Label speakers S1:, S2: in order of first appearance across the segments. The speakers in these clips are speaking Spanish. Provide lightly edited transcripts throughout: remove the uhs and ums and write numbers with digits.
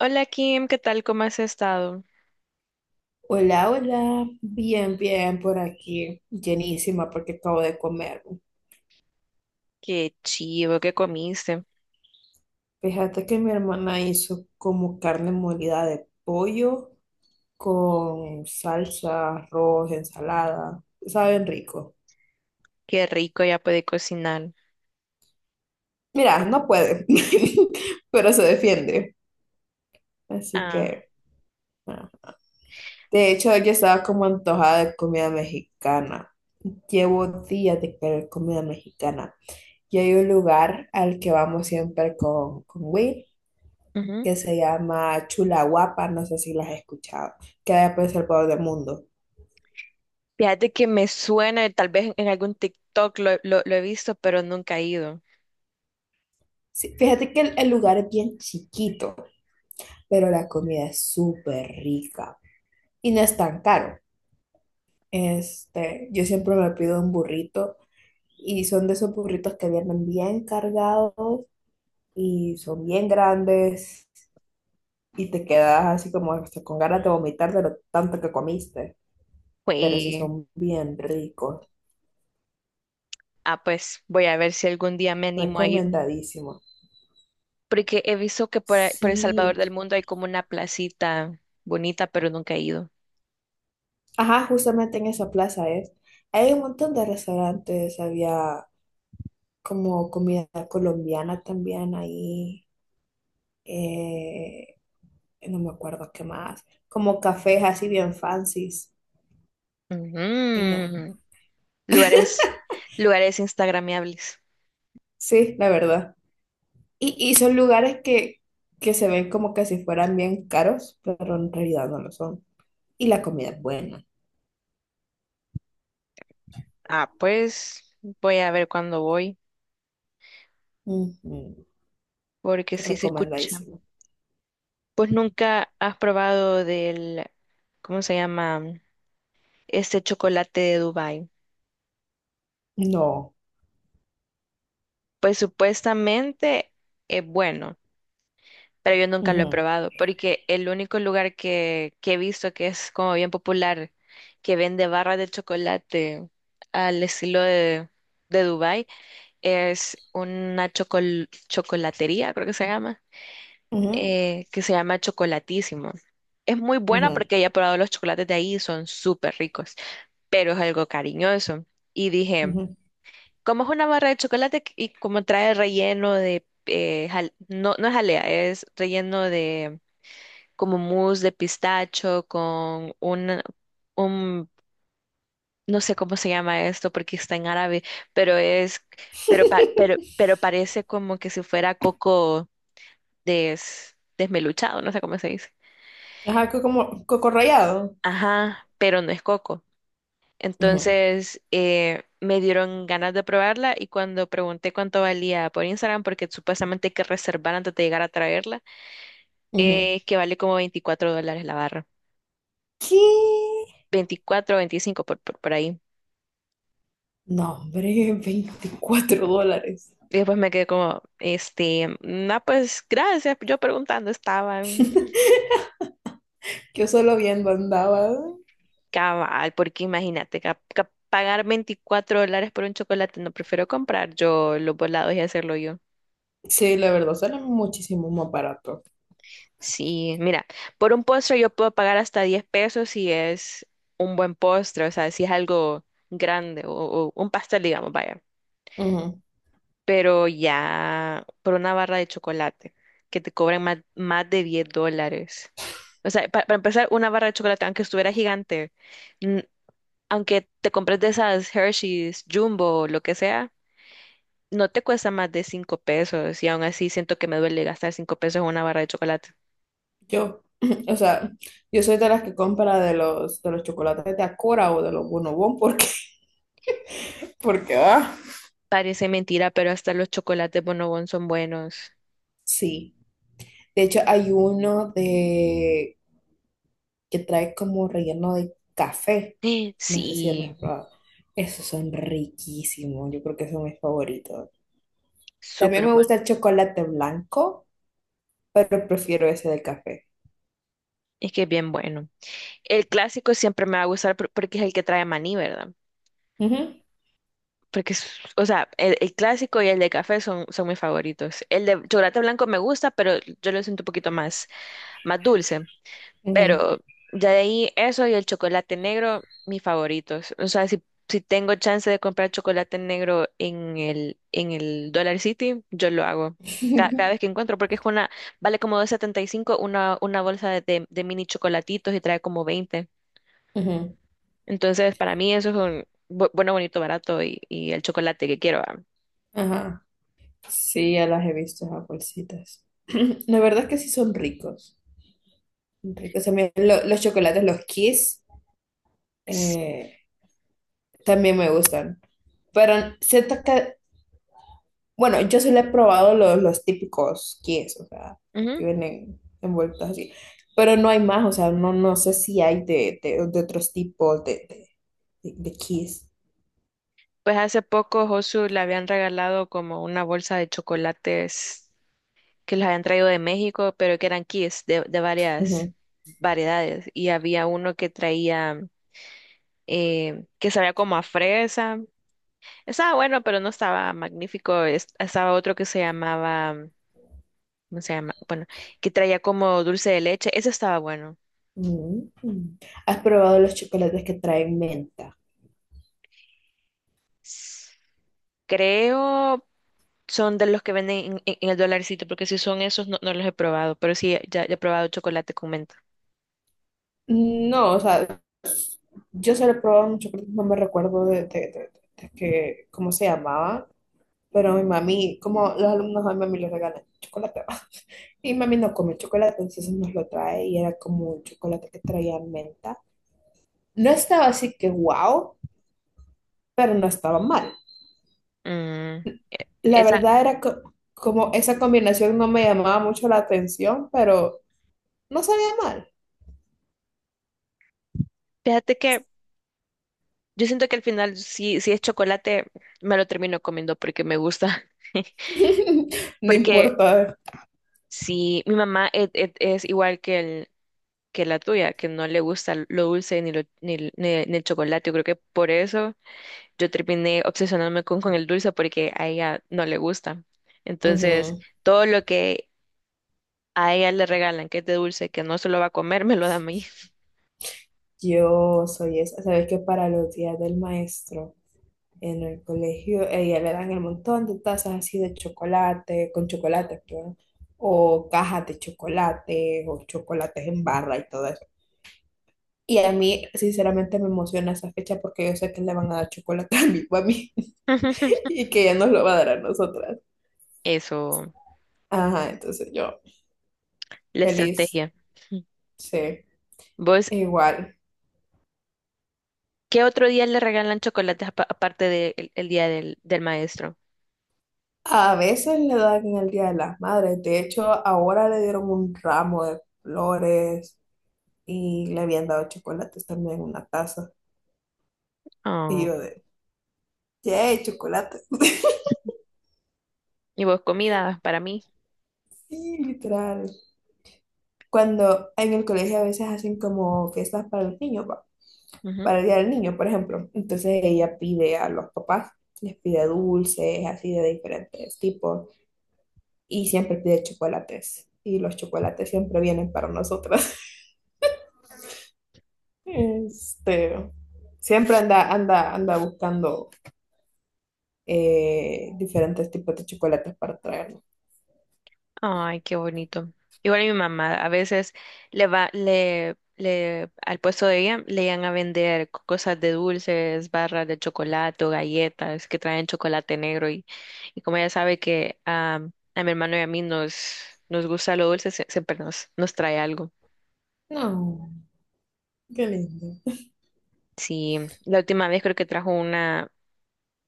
S1: Hola Kim, ¿qué tal? ¿Cómo has estado?
S2: Hola, hola, bien, bien por aquí, llenísima porque acabo de comer.
S1: Qué chivo, qué comiste.
S2: Fíjate que mi hermana hizo como carne molida de pollo con salsa, arroz, ensalada. Saben rico.
S1: Qué rico, ya puede cocinar.
S2: Mira, no puede, pero se defiende. Así
S1: Ah,
S2: que, ah. De hecho, yo estaba como antojada de comida mexicana. Llevo días de querer comida mexicana. Y hay un lugar al que vamos siempre con Will,
S1: ujú.
S2: que se llama Chula Guapa, no sé si las has escuchado, queda por El Salvador del Mundo.
S1: Fíjate que me suena, tal vez en algún TikTok lo he visto, pero nunca he ido.
S2: Sí, fíjate que el lugar es bien chiquito, pero la comida es súper rica y no es tan caro. Este, yo siempre me pido un burrito y son de esos burritos que vienen bien cargados y son bien grandes y te quedas así como hasta con ganas de vomitar de lo tanto que comiste, pero sí
S1: Pues,
S2: son bien ricos,
S1: ah, pues voy a ver si algún día me animo a ir,
S2: recomendadísimos.
S1: porque he visto que por El Salvador
S2: Sí,
S1: del Mundo hay como una placita bonita, pero nunca he ido.
S2: ajá, justamente en esa plaza es. Hay un montón de restaurantes, había como comida colombiana también ahí, eh, no me acuerdo qué más, como cafés así bien fancies. Y ya.
S1: Ujú. Lugares, lugares instagramiables.
S2: Sí, la verdad. Y son lugares que se ven como que si fueran bien caros, pero en realidad no lo son. Y la comida es buena.
S1: Ah, pues voy a ver cuándo voy,
S2: Ujú.
S1: porque sí se escucha.
S2: Recomendadísimo.
S1: Pues nunca has probado del, ¿cómo se llama? Este chocolate de Dubái.
S2: No.
S1: Pues supuestamente es bueno, pero yo nunca lo he
S2: Ujú,
S1: probado, porque el único lugar que he visto que es como bien popular, que vende barras de chocolate al estilo de Dubái, es una chocolatería, creo
S2: ujú,
S1: que se llama Chocolatísimo. Es muy buena
S2: ujú,
S1: porque ya he probado los chocolates de ahí y son súper ricos. Pero es algo cariñoso. Y dije,
S2: ujú.
S1: como es una barra de chocolate y como trae relleno de, no, no es jalea, es relleno de como mousse de pistacho con un, no sé cómo se llama esto porque está en árabe, pero es, pero parece como que si fuera coco desmeluchado, no sé cómo se dice.
S2: Ajá, como coco rallado.
S1: Ajá, pero no es coco.
S2: Ujú,
S1: Entonces me dieron ganas de probarla y cuando pregunté cuánto valía por Instagram, porque supuestamente hay que reservar antes de llegar a traerla,
S2: ujú.
S1: que vale como 24 dólares la barra.
S2: ¿Qué?
S1: Veinticuatro o 25 por ahí.
S2: No, hombre, $24.
S1: Y después me quedé como, este, no, pues gracias, yo preguntando estaba
S2: Yo solo viendo andaba.
S1: cabal, porque imagínate, pagar 24 dólares por un chocolate, no prefiero comprar yo los volados y hacerlo yo.
S2: Sí, la verdad, sale muchísimo más barato.
S1: Sí, mira, por un postre yo puedo pagar hasta 10 pesos si es un buen postre, o sea, si es algo grande o un pastel, digamos, vaya.
S2: Ujú.
S1: Pero ya por una barra de chocolate que te cobran más, más de 10 dólares. O sea, para empezar, una barra de chocolate, aunque estuviera gigante, n- aunque te compres de esas Hershey's, Jumbo, lo que sea, no te cuesta más de 5 pesos y aún así siento que me duele gastar 5 pesos en una barra de chocolate.
S2: Yo, o sea, yo soy de las que compra de los chocolates de Acora o de los Bonobon porque, porque,
S1: Parece mentira, pero hasta los chocolates Bonobón son buenos.
S2: sí. De hecho, hay uno de que trae como relleno de café. No sé si lo has
S1: Sí,
S2: probado. Esos son riquísimos. Yo creo que son mis favoritos. También
S1: súper
S2: me
S1: bueno.
S2: gusta el chocolate blanco, pero prefiero ese del café.
S1: Es que es bien bueno. El clásico siempre me va a gustar porque es el que trae maní, ¿verdad?
S2: Ujú,
S1: Porque, o sea, el clásico y el de café son, son mis favoritos. El de chocolate blanco me gusta, pero yo lo siento un poquito más, más dulce.
S2: ujú,
S1: Pero ya de ahí eso y el chocolate negro, mis favoritos. O sea, si, si tengo chance de comprar chocolate negro en el Dollar City, yo lo hago. Cada vez que encuentro, porque es una, vale como 2.75 una bolsa de mini chocolatitos y trae como 20.
S2: ujú.
S1: Entonces, para mí eso es un bueno, bonito, barato y el chocolate que quiero. Ah.
S2: Ajá. Sí, ya las he visto, esas bolsitas. La verdad es que sí son ricos. Son ricos. También los chocolates, los Kiss,
S1: Sí.
S2: eh, también me gustan. Pero siento que bueno, yo solo he probado los típicos kies, o sea, los
S1: Ujú.
S2: que vienen envueltos así. Pero no hay más, o sea, no, no sé si hay de otros tipos de kies.
S1: Pues hace poco Josu le habían regalado como una bolsa de chocolates que los habían traído de México, pero que eran kits de varias
S2: Ujú.
S1: variedades. Y había uno que traía, que sabía como a fresa. Estaba bueno, pero no estaba magnífico. Estaba otro que se llamaba, ¿cómo se llama? Bueno, que traía como dulce de leche. Ese estaba bueno.
S2: Mm. ¿Has probado los chocolates que traen menta?
S1: S- Creo son de los que venden en, en el dolarcito, porque si son esos no, no los he probado, pero sí, ya he probado chocolate con menta.
S2: No, o sea, yo solo he probado un chocolate, no me recuerdo de- de- que, cómo se llamaba, pero mi mami, como los alumnos a mi mami le regalan chocolate. Y mami no come chocolate, entonces nos lo trae y era como un chocolate que traía menta. No estaba así que wow, pero no estaba mal.
S1: Mm,
S2: La
S1: esa,
S2: verdad era como esa combinación no me llamaba mucho la atención, pero no sabía mal.
S1: fíjate que yo siento que al final, si, si es chocolate, me lo termino comiendo porque me gusta.
S2: No
S1: Porque
S2: importa.
S1: si mi mamá es, es igual que, el, que la tuya, que no le gusta lo dulce ni, ni el chocolate, yo creo que por eso yo terminé obsesionándome con el dulce porque a ella no le gusta. Entonces,
S2: Ujú.
S1: todo lo que a ella le regalan que es de dulce, que no se lo va a comer, me lo da a mí.
S2: Yo soy esa. ¿Sabes que para los días del maestro? En el colegio, a ella le dan el montón de tazas así de chocolate, con chocolate, perdón, o cajas de chocolate, o chocolates en barra y todo eso. Y a mí, sinceramente, me emociona esa fecha porque yo sé que le van a dar chocolate a mi mami y que ella nos lo va a dar a nosotras.
S1: Eso,
S2: Ajá, entonces yo,
S1: la
S2: feliz,
S1: estrategia.
S2: sí,
S1: ¿Vos
S2: igual.
S1: ¿qué otro día le regalan chocolates aparte del el día del, del maestro?
S2: A veces le dan en el Día de las Madres. De hecho, ahora le dieron un ramo de flores y le habían dado chocolates también en una taza. Y
S1: Oh,
S2: yo de, sí, chocolate.
S1: y vos comida para mí.
S2: Sí, literal. Cuando en el colegio a veces hacen como fiestas para el niño
S1: Ujú.
S2: para el día del niño, por ejemplo. Entonces ella pide a los papás, les pide dulces, así de diferentes tipos, y siempre pide chocolates. Y los chocolates siempre vienen para nosotras. Este, siempre anda, anda, anda buscando diferentes tipos de chocolates para traernos.
S1: Ay, qué bonito. Igual mi mamá, a veces le, al puesto de ella le iban a vender cosas de dulces, barras de chocolate, o galletas que traen chocolate negro y como ella sabe que ah, a mi hermano y a mí nos, nos gusta lo dulce, siempre nos, nos trae algo.
S2: No, qué lindo.
S1: Sí, la última vez creo que trajo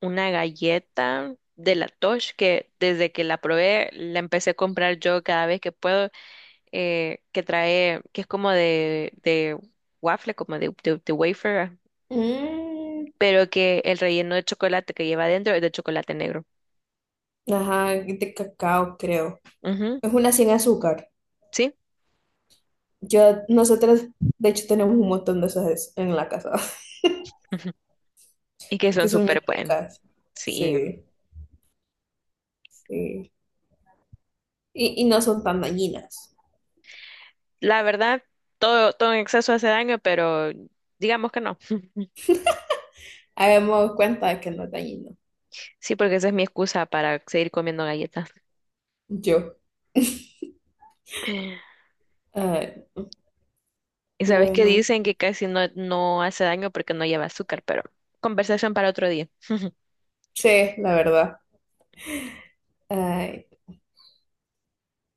S1: una galleta de la Tosh que desde que la probé la empecé a comprar yo cada vez que puedo, que trae, que es como de waffle, como de wafer, ah,
S2: Mm,
S1: pero que el relleno de chocolate que lleva adentro es de chocolate negro.
S2: ajá, de cacao, creo.
S1: Ujú,
S2: Es una sin azúcar.
S1: sí,
S2: Yo, nosotros, de hecho, tenemos un montón de esas en la casa,
S1: ujú, y que son
S2: porque son bien
S1: súper buenos.
S2: ricas.
S1: Sí,
S2: Sí, sí. Y no son tan dañinas.
S1: la verdad, todo en exceso hace daño, pero digamos que no.
S2: Habíamos dado cuenta de que no es dañino.
S1: Sí, porque esa es mi excusa para seguir comiendo galletas.
S2: Yo. Ay,
S1: Y sabes que
S2: bueno,
S1: dicen que casi no hace daño porque no lleva azúcar, pero conversación para otro día.
S2: sí, la verdad. Ay,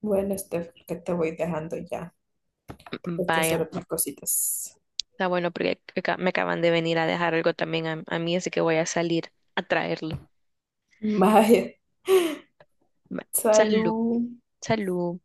S2: bueno, Steph, creo que te voy dejando ya.
S1: Mm,
S2: Hay que hacer
S1: vaya,
S2: otras cositas.
S1: está bueno porque me acaban de venir a dejar algo también a mí, así que voy a salir a traerlo.
S2: Vaya,
S1: Va, salud,
S2: salud.
S1: salud.